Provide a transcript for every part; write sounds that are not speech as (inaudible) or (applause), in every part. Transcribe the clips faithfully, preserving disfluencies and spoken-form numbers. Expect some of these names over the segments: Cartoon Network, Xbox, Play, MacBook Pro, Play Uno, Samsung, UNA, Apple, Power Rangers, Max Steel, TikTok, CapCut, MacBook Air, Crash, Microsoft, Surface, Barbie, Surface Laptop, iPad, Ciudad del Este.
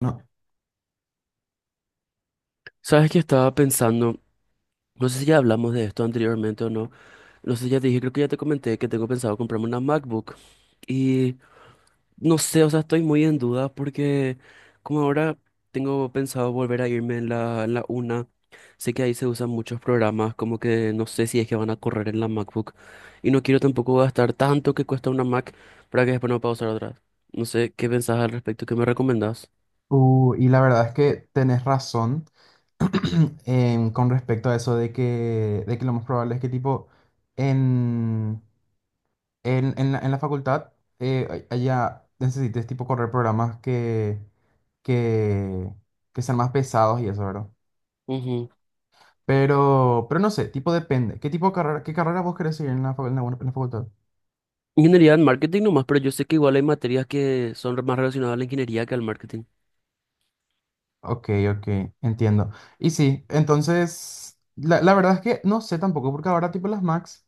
No, Sabes que estaba pensando, no sé si ya hablamos de esto anteriormente o no, no sé si ya te dije, creo que ya te comenté que tengo pensado comprarme una MacBook y no sé, o sea, estoy muy en duda porque como ahora tengo pensado volver a irme en la, en la UNA, sé que ahí se usan muchos programas, como que no sé si es que van a correr en la MacBook y no quiero tampoco gastar tanto que cuesta una Mac para que después no pueda usar otra. No sé, ¿qué pensás al respecto? ¿Qué me recomendás? uh, y la verdad es que tenés razón. (clears throat) en- con respecto a eso de que, de que lo más probable es que tipo en, en, en la, en la facultad eh, a- allá necesites tipo correr programas que, que, que sean más pesados y eso, ¿verdad? Pero, pero no sé, tipo depende. ¿Qué tipo de carrera, qué carrera vos querés seguir en la, fa- en la en la facultad? Ingeniería en marketing nomás, pero yo sé que igual hay materias que son más relacionadas a la ingeniería que al marketing. Ok, ok, entiendo. Y sí, entonces, la, la verdad es que no sé tampoco, porque ahora tipo las Macs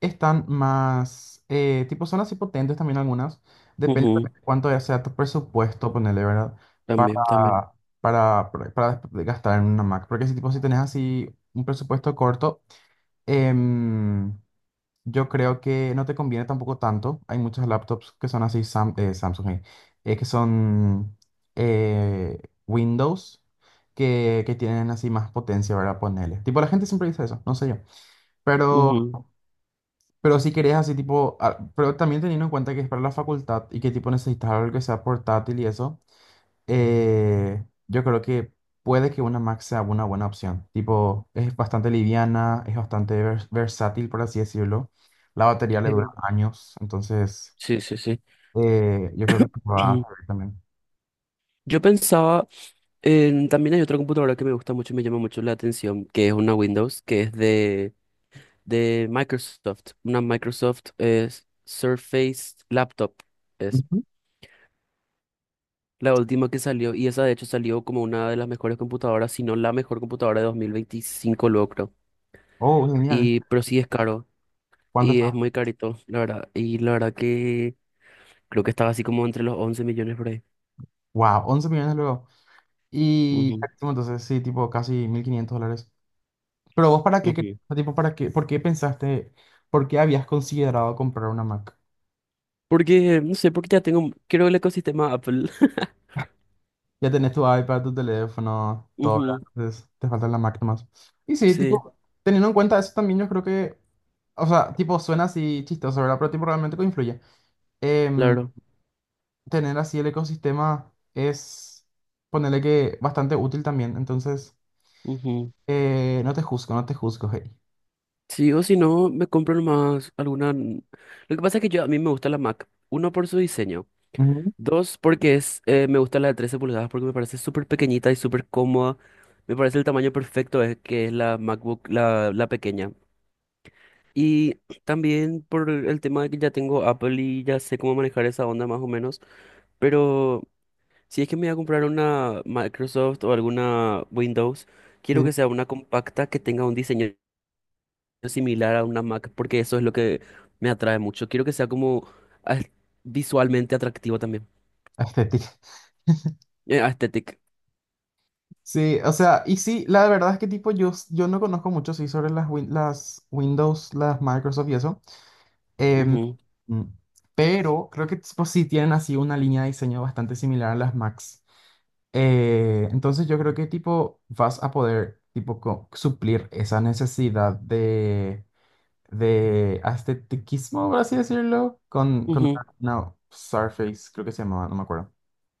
están más, eh, tipo son así potentes también algunas, depende Ujú. también de cuánto ya sea tu presupuesto, ponerle, ¿verdad? Para, También, también. para, para, para gastar en una Mac, porque si tipo si tenés así un presupuesto corto, em, yo creo que no te conviene tampoco tanto. Hay muchas laptops que son así, Sam- eh, Samsung, eh, eh, que son eh, Windows, que, que tienen así más potencia, ¿verdad? Ponerle. Tipo, la gente siempre dice eso, no sé yo. Pero, Ujú. pero si querés así, tipo, ah, pero también teniendo en cuenta que es para la facultad y que tipo necesitas algo que sea portátil y eso, eh, yo creo que puede que una Mac sea una buena opción. Tipo, es bastante liviana, es bastante vers- versátil, por así decirlo. La batería le dura años, entonces Sí, sí, sí. eh, yo creo que te va a Sí. servir también. (clears throat) Yo pensaba, en- también hay otra computadora que me gusta mucho y me llama mucho la atención, que es una Windows, que es de, de Microsoft. Una Microsoft es Surface Laptop. Es Ujú. la última que salió y esa de hecho salió como una de las mejores computadoras, si no la mejor computadora de dos mil veinticinco, luego creo. Oh, genial. Y, pero sí es caro. ¿Cuánto Y es está? muy carito, la verdad. Y la verdad que creo que estaba así como entre los once millones por ahí. Wow, once millones luego. Y Ujú, carísimo, entonces sí, tipo casi mil quinientos dólares. Pero vos para qué, quer- ujú. tipo, para qué, ¿por qué pensaste, por qué habías considerado comprar una Mac? Porque, no sé, porque ya tengo, quiero el ecosistema Apple. (laughs) Ya tenés tu iPad, tu teléfono, todo, ¿verdad? Ujú. Entonces te faltan las máquinas. Y sí, Sí, tipo, teniendo en cuenta eso también, yo creo que, o sea, tipo, suena así chistoso, ¿verdad? Pero tipo, realmente que influye. Em, claro. tener así el ecosistema es, ponerle que, bastante útil también. Entonces, Ujú. eh, no te juzgo, no te juzgo, hey. Sí, o si no, me compro nomás alguna... Lo que pasa es que yo, a mí me gusta la Mac. Uno, por su diseño. Ujú. Dos, porque es, eh, me gusta la de trece pulgadas porque me parece súper pequeñita y súper cómoda. Me parece el tamaño perfecto, es que es la MacBook, la, la pequeña. Y también por el tema de que ya tengo Apple y ya sé cómo manejar esa onda más o menos, pero si es que me voy a comprar una Microsoft o alguna Windows, quiero Sí, que sea una compacta que tenga un diseño similar a una Mac, porque eso es lo que me atrae mucho. Quiero que sea como as- visualmente atractivo también. estética. (laughs) Eh, aesthetic. Sí, o sea, y sí, la verdad es que tipo, yo, yo no conozco mucho, sí, sobre las, win- las Windows, las Microsoft y eso. Em, Ujú, mm, pero creo que tipo, sí tienen así una línea de diseño bastante similar a las Macs. Eh, entonces yo creo que tipo vas a poder tipo co- suplir esa necesidad de, de estetiquismo, por así decirlo, con, con ujú. una, una Surface, creo que se llamaba, no me acuerdo.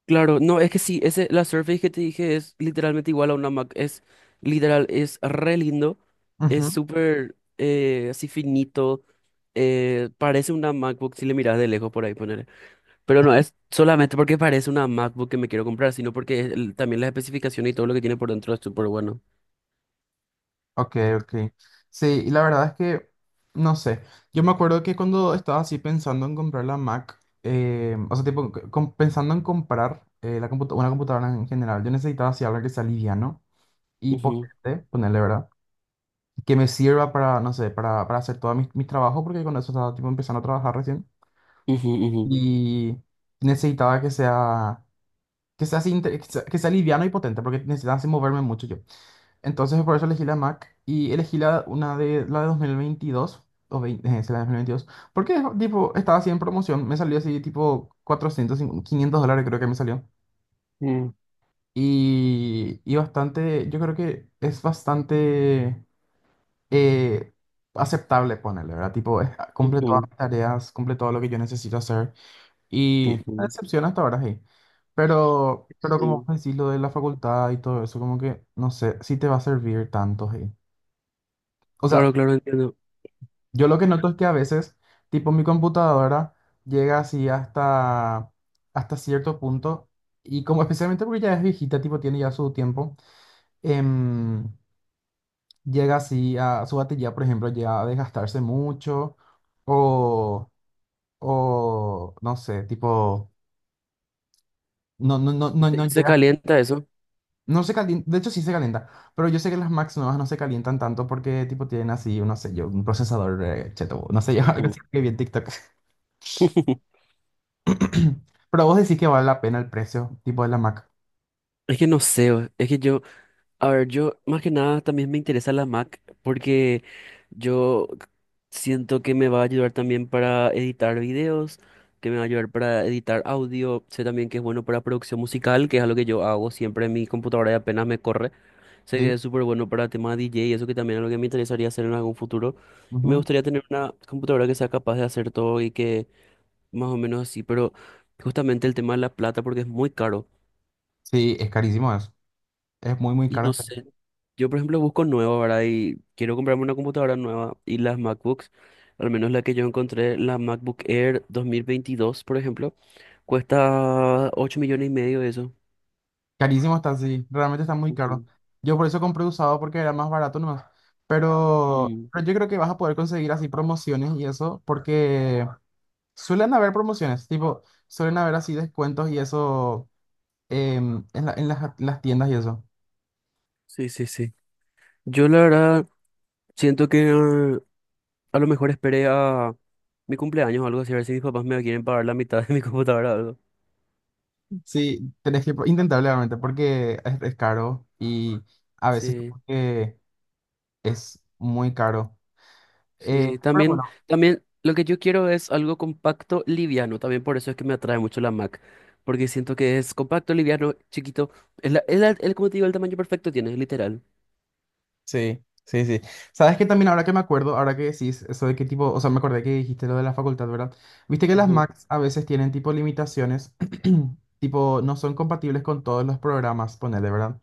Claro, no, es que sí, ese, la Surface que te dije es literalmente igual a una Mac, es literal, es re lindo, es súper eh, así finito, eh, parece una MacBook si le miras de lejos por ahí poner, pero no es solamente porque parece una MacBook que me quiero comprar, sino porque el- también las especificaciones y todo lo que tiene por dentro es súper bueno. Ok, ok. Sí, y la verdad es que, no sé, yo me acuerdo que cuando estaba así pensando en comprar la Mac, eh, o sea, tipo, c- com- pensando en comprar eh, la computa- una computadora en general, yo necesitaba así algo que sea liviano y Ujú, potente, ponerle, ¿verdad? Que me sirva para, no sé, para, para hacer todos mis, mis trabajos, porque con eso estaba tipo empezando a trabajar recién. ujú, ujú, Y necesitaba que sea, que sea así, inte- que sea, que sea liviano y potente, porque necesitaba así moverme mucho yo. Entonces por eso elegí la Mac y elegí la, una de la de dos mil veintidós, o veinte, eh, sí, la de dos mil veintidós, porque tipo estaba así en promoción, me salió así tipo cuatrocientos, quinientos dólares creo que me salió. mm, Y, y bastante, yo creo que es bastante eh, aceptable ponerle, ¿verdad? Tipo, es- ah, cumple todas ujú, mis tareas, cumple todo lo que yo necesito hacer. Y una ujú. decepción hasta ahora, sí. Pero, pero como Sí. vos decís, lo de la facultad y todo eso, como que no sé si te va a servir tanto, sí. O sea, Claro, claro, entiendo. yo lo que noto es que a veces, tipo mi computadora llega así hasta, hasta cierto punto, y como especialmente porque ya es viejita, tipo tiene ya su tiempo, em, llega así a su batería, por ejemplo, llega a desgastarse mucho, o, o no sé, tipo, no, no, no, ¿Y no, se, no y se llega, calienta eso? no se calienta, de hecho sí se calienta, pero yo sé que las Macs nuevas no se calientan tanto porque tipo tienen así, no sé yo, un procesador eh, cheto, no sé yo, (laughs) algo Ujú. así que vi en TikTok. (laughs) (clears throat) Pero vos decís que vale la pena el precio, tipo de la Mac. Es que no sé, o- es que yo... A ver, yo más que nada también me interesa la Mac porque yo siento que me va a ayudar también para editar videos, que me va a ayudar para editar audio, sé también que es bueno para producción musical, que es algo que yo hago siempre en mi computadora y apenas me corre. Sé Sí, que es súper bueno para tema D J y eso que también es algo que me interesaría hacer en algún futuro. Y me ujú. gustaría tener una computadora que sea capaz de hacer todo y que más o menos así, pero justamente el tema de la plata porque es muy caro. Sí, es carísimo eso. Es muy, muy Y no caro. sé. Yo, por ejemplo, busco nuevo, ¿verdad? Y quiero comprarme una computadora nueva. Y las MacBooks, al menos la que yo encontré, la MacBook Air dos mil veintidós por ejemplo, cuesta ocho millones y medio de eso. Carísimo está, sí. Realmente está muy caro. Ujú. Yo por eso compré usado porque era más barato nomás. Pero, Mm, pero yo creo que vas a poder conseguir así promociones y eso, porque suelen haber promociones, tipo, suelen haber así descuentos y eso, em, en la- en las, las tiendas y eso. sí, sí, sí. Yo la verdad siento que eh, a lo mejor esperé a mi cumpleaños o algo así, a ver si mis papás me quieren pagar la mitad de mi computadora o algo. Sí, tenés que pro- intentar realmente porque es, es caro y a veces Sí. como que es muy caro. Eh, Sí, pero también, bueno. también lo que yo quiero es algo compacto, liviano. También por eso es que me atrae mucho la Mac. Porque siento que es compacto, liviano, chiquito. Es la, es la- el- como te digo, el tamaño perfecto tiene, literal. Sí, sí, sí. ¿Sabes que también ahora que me acuerdo, ahora que decís eso de qué tipo, o sea, me acordé que dijiste lo de la facultad, verdad? Viste que las Ujú, Macs a veces tienen tipo limitaciones, (clears throat) tipo no son compatibles con todos los programas, ponele, ¿verdad?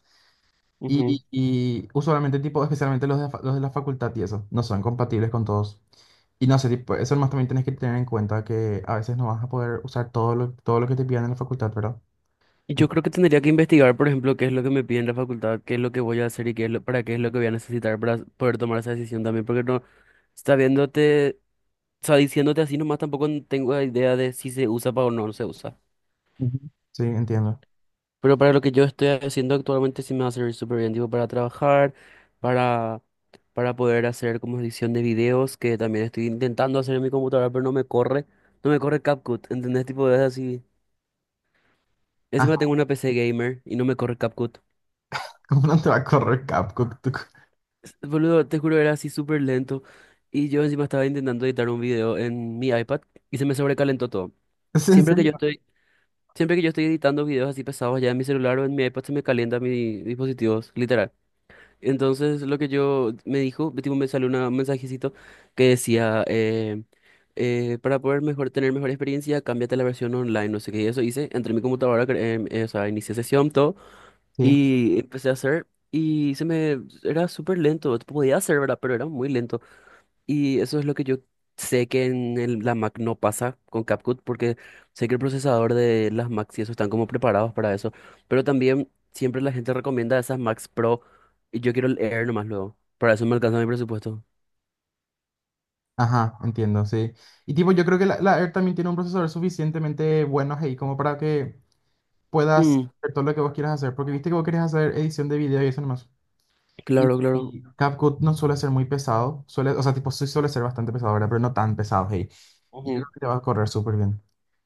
ujú. Y, y usualmente tipo, especialmente los de, fa- los de la facultad y eso, no son compatibles con todos. Y no sé, tipo, eso nomás también tienes que tener en cuenta que a veces no vas a poder usar todo lo, todo lo que te pidan en la facultad, ¿verdad? Y yo Entonces. creo que tendría que investigar, por ejemplo, qué es lo que me piden en la facultad, qué es lo que voy a hacer y qué es lo, para qué es lo que voy a necesitar para poder tomar esa decisión también. Porque no, está viéndote, o sea, diciéndote así nomás tampoco tengo idea de si se usa pa- o no no se usa. Ujú. Sí, entiendo. Pero para lo que yo estoy haciendo actualmente sí me va a servir súper bien, tipo para trabajar, para, para poder hacer como edición de videos, que también estoy intentando hacer en mi computadora, pero no me corre, no me corre CapCut, ¿entendés? Tipo, es así. Ah, Encima tengo una P C gamer y no me corre CapCut. (laughs) ¿cómo no te va a correr CapCut? (laughs) S- Boludo, te juro, era así súper lento. Y yo encima estaba intentando editar un video en mi iPad y se me sobrecalentó todo. ¿Es en Siempre que serio? yo estoy, siempre que yo estoy editando videos así pesados ya en mi celular o en mi iPad se me calienta mis dispositivos, literal. Entonces lo que yo me dijo, tipo, me salió una- un mensajecito que decía, eh, eh, para poder mejor, tener mejor experiencia, cámbiate a la versión online, no sé qué, y eso hice, entré en mi computadora, cre- em, eh, o sea, inicié sesión, todo, Sí, y empecé a hacer, y se me, era súper lento, podía hacer, ¿verdad? Pero era muy lento. Y eso es lo que yo sé que en el- la Mac no pasa con CapCut, porque sé que el procesador de las Macs y eso están como preparados para eso. Pero también siempre la gente recomienda esas Macs Pro y yo quiero el Air nomás luego. Para eso me alcanza mi presupuesto. ajá, entiendo, sí. Y tipo, yo creo que la, la Air también tiene un procesador suficientemente bueno ahí como para que puedas Mm, hacer todo lo que vos quieras hacer, porque viste que vos querés hacer edición de video y eso nomás. Y, claro, claro. y CapCut no suele ser muy pesado, suele, o sea, tipo, sí suele ser bastante pesado, ¿verdad? Pero no tan pesado, hey. Y yo creo Ujú. que te va a correr súper bien.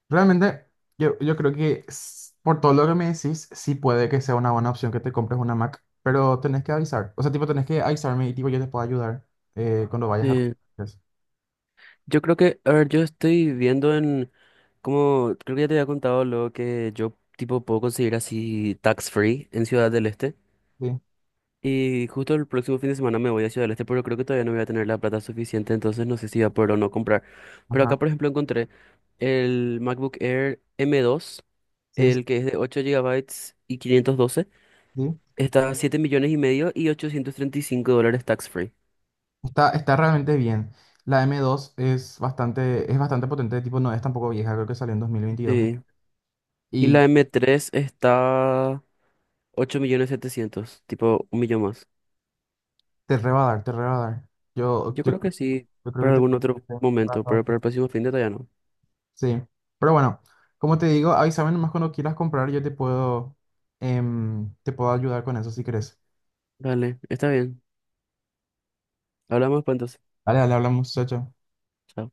Realmente, yo, yo creo que s- por todo lo que me decís, sí puede que sea una buena opción que te compres una Mac, pero tenés que avisar, o sea, tipo, tenés que avisarme y tipo, yo te puedo ayudar, eh, cuando vayas a Sí. comprar. Yo creo que, a ver, yo estoy viendo en, como, creo que ya te había contado luego que yo tipo puedo conseguir así tax free en Ciudad del Este. Sí. Y justo el próximo fin de semana me voy a Ciudad del Este, pero creo que todavía no voy a tener la plata suficiente, entonces no sé si voy a poder o no comprar. Pero Ajá. acá, por ejemplo, encontré el MacBook Air M dos, Sí, sí, el que es de ocho gigabytes y quinientos doce. sí. Está a siete millones y medio y ochocientos treinta y cinco dólares tax free. Está, está realmente bien. La M dos es bastante, es bastante potente, tipo, no es tampoco vieja, creo que salió en dos mil veintidós. ¿Eh? Sí. Y Y la M tres está ocho millones setecientos, tipo un millón más. te re va a dar, te re va a dar. Yo, Yo yo, creo que sí, yo creo para que te algún (laughs) otro te va a momento, pero dar. para el próximo fin de todavía no. Sí, pero bueno, como te digo, avísame nomás cuando quieras comprar, yo te puedo, em, te puedo ayudar con eso si querés. Dale, está bien. Hablamos pues entonces. Dale, dale, hablamos, chao, chao. Chao.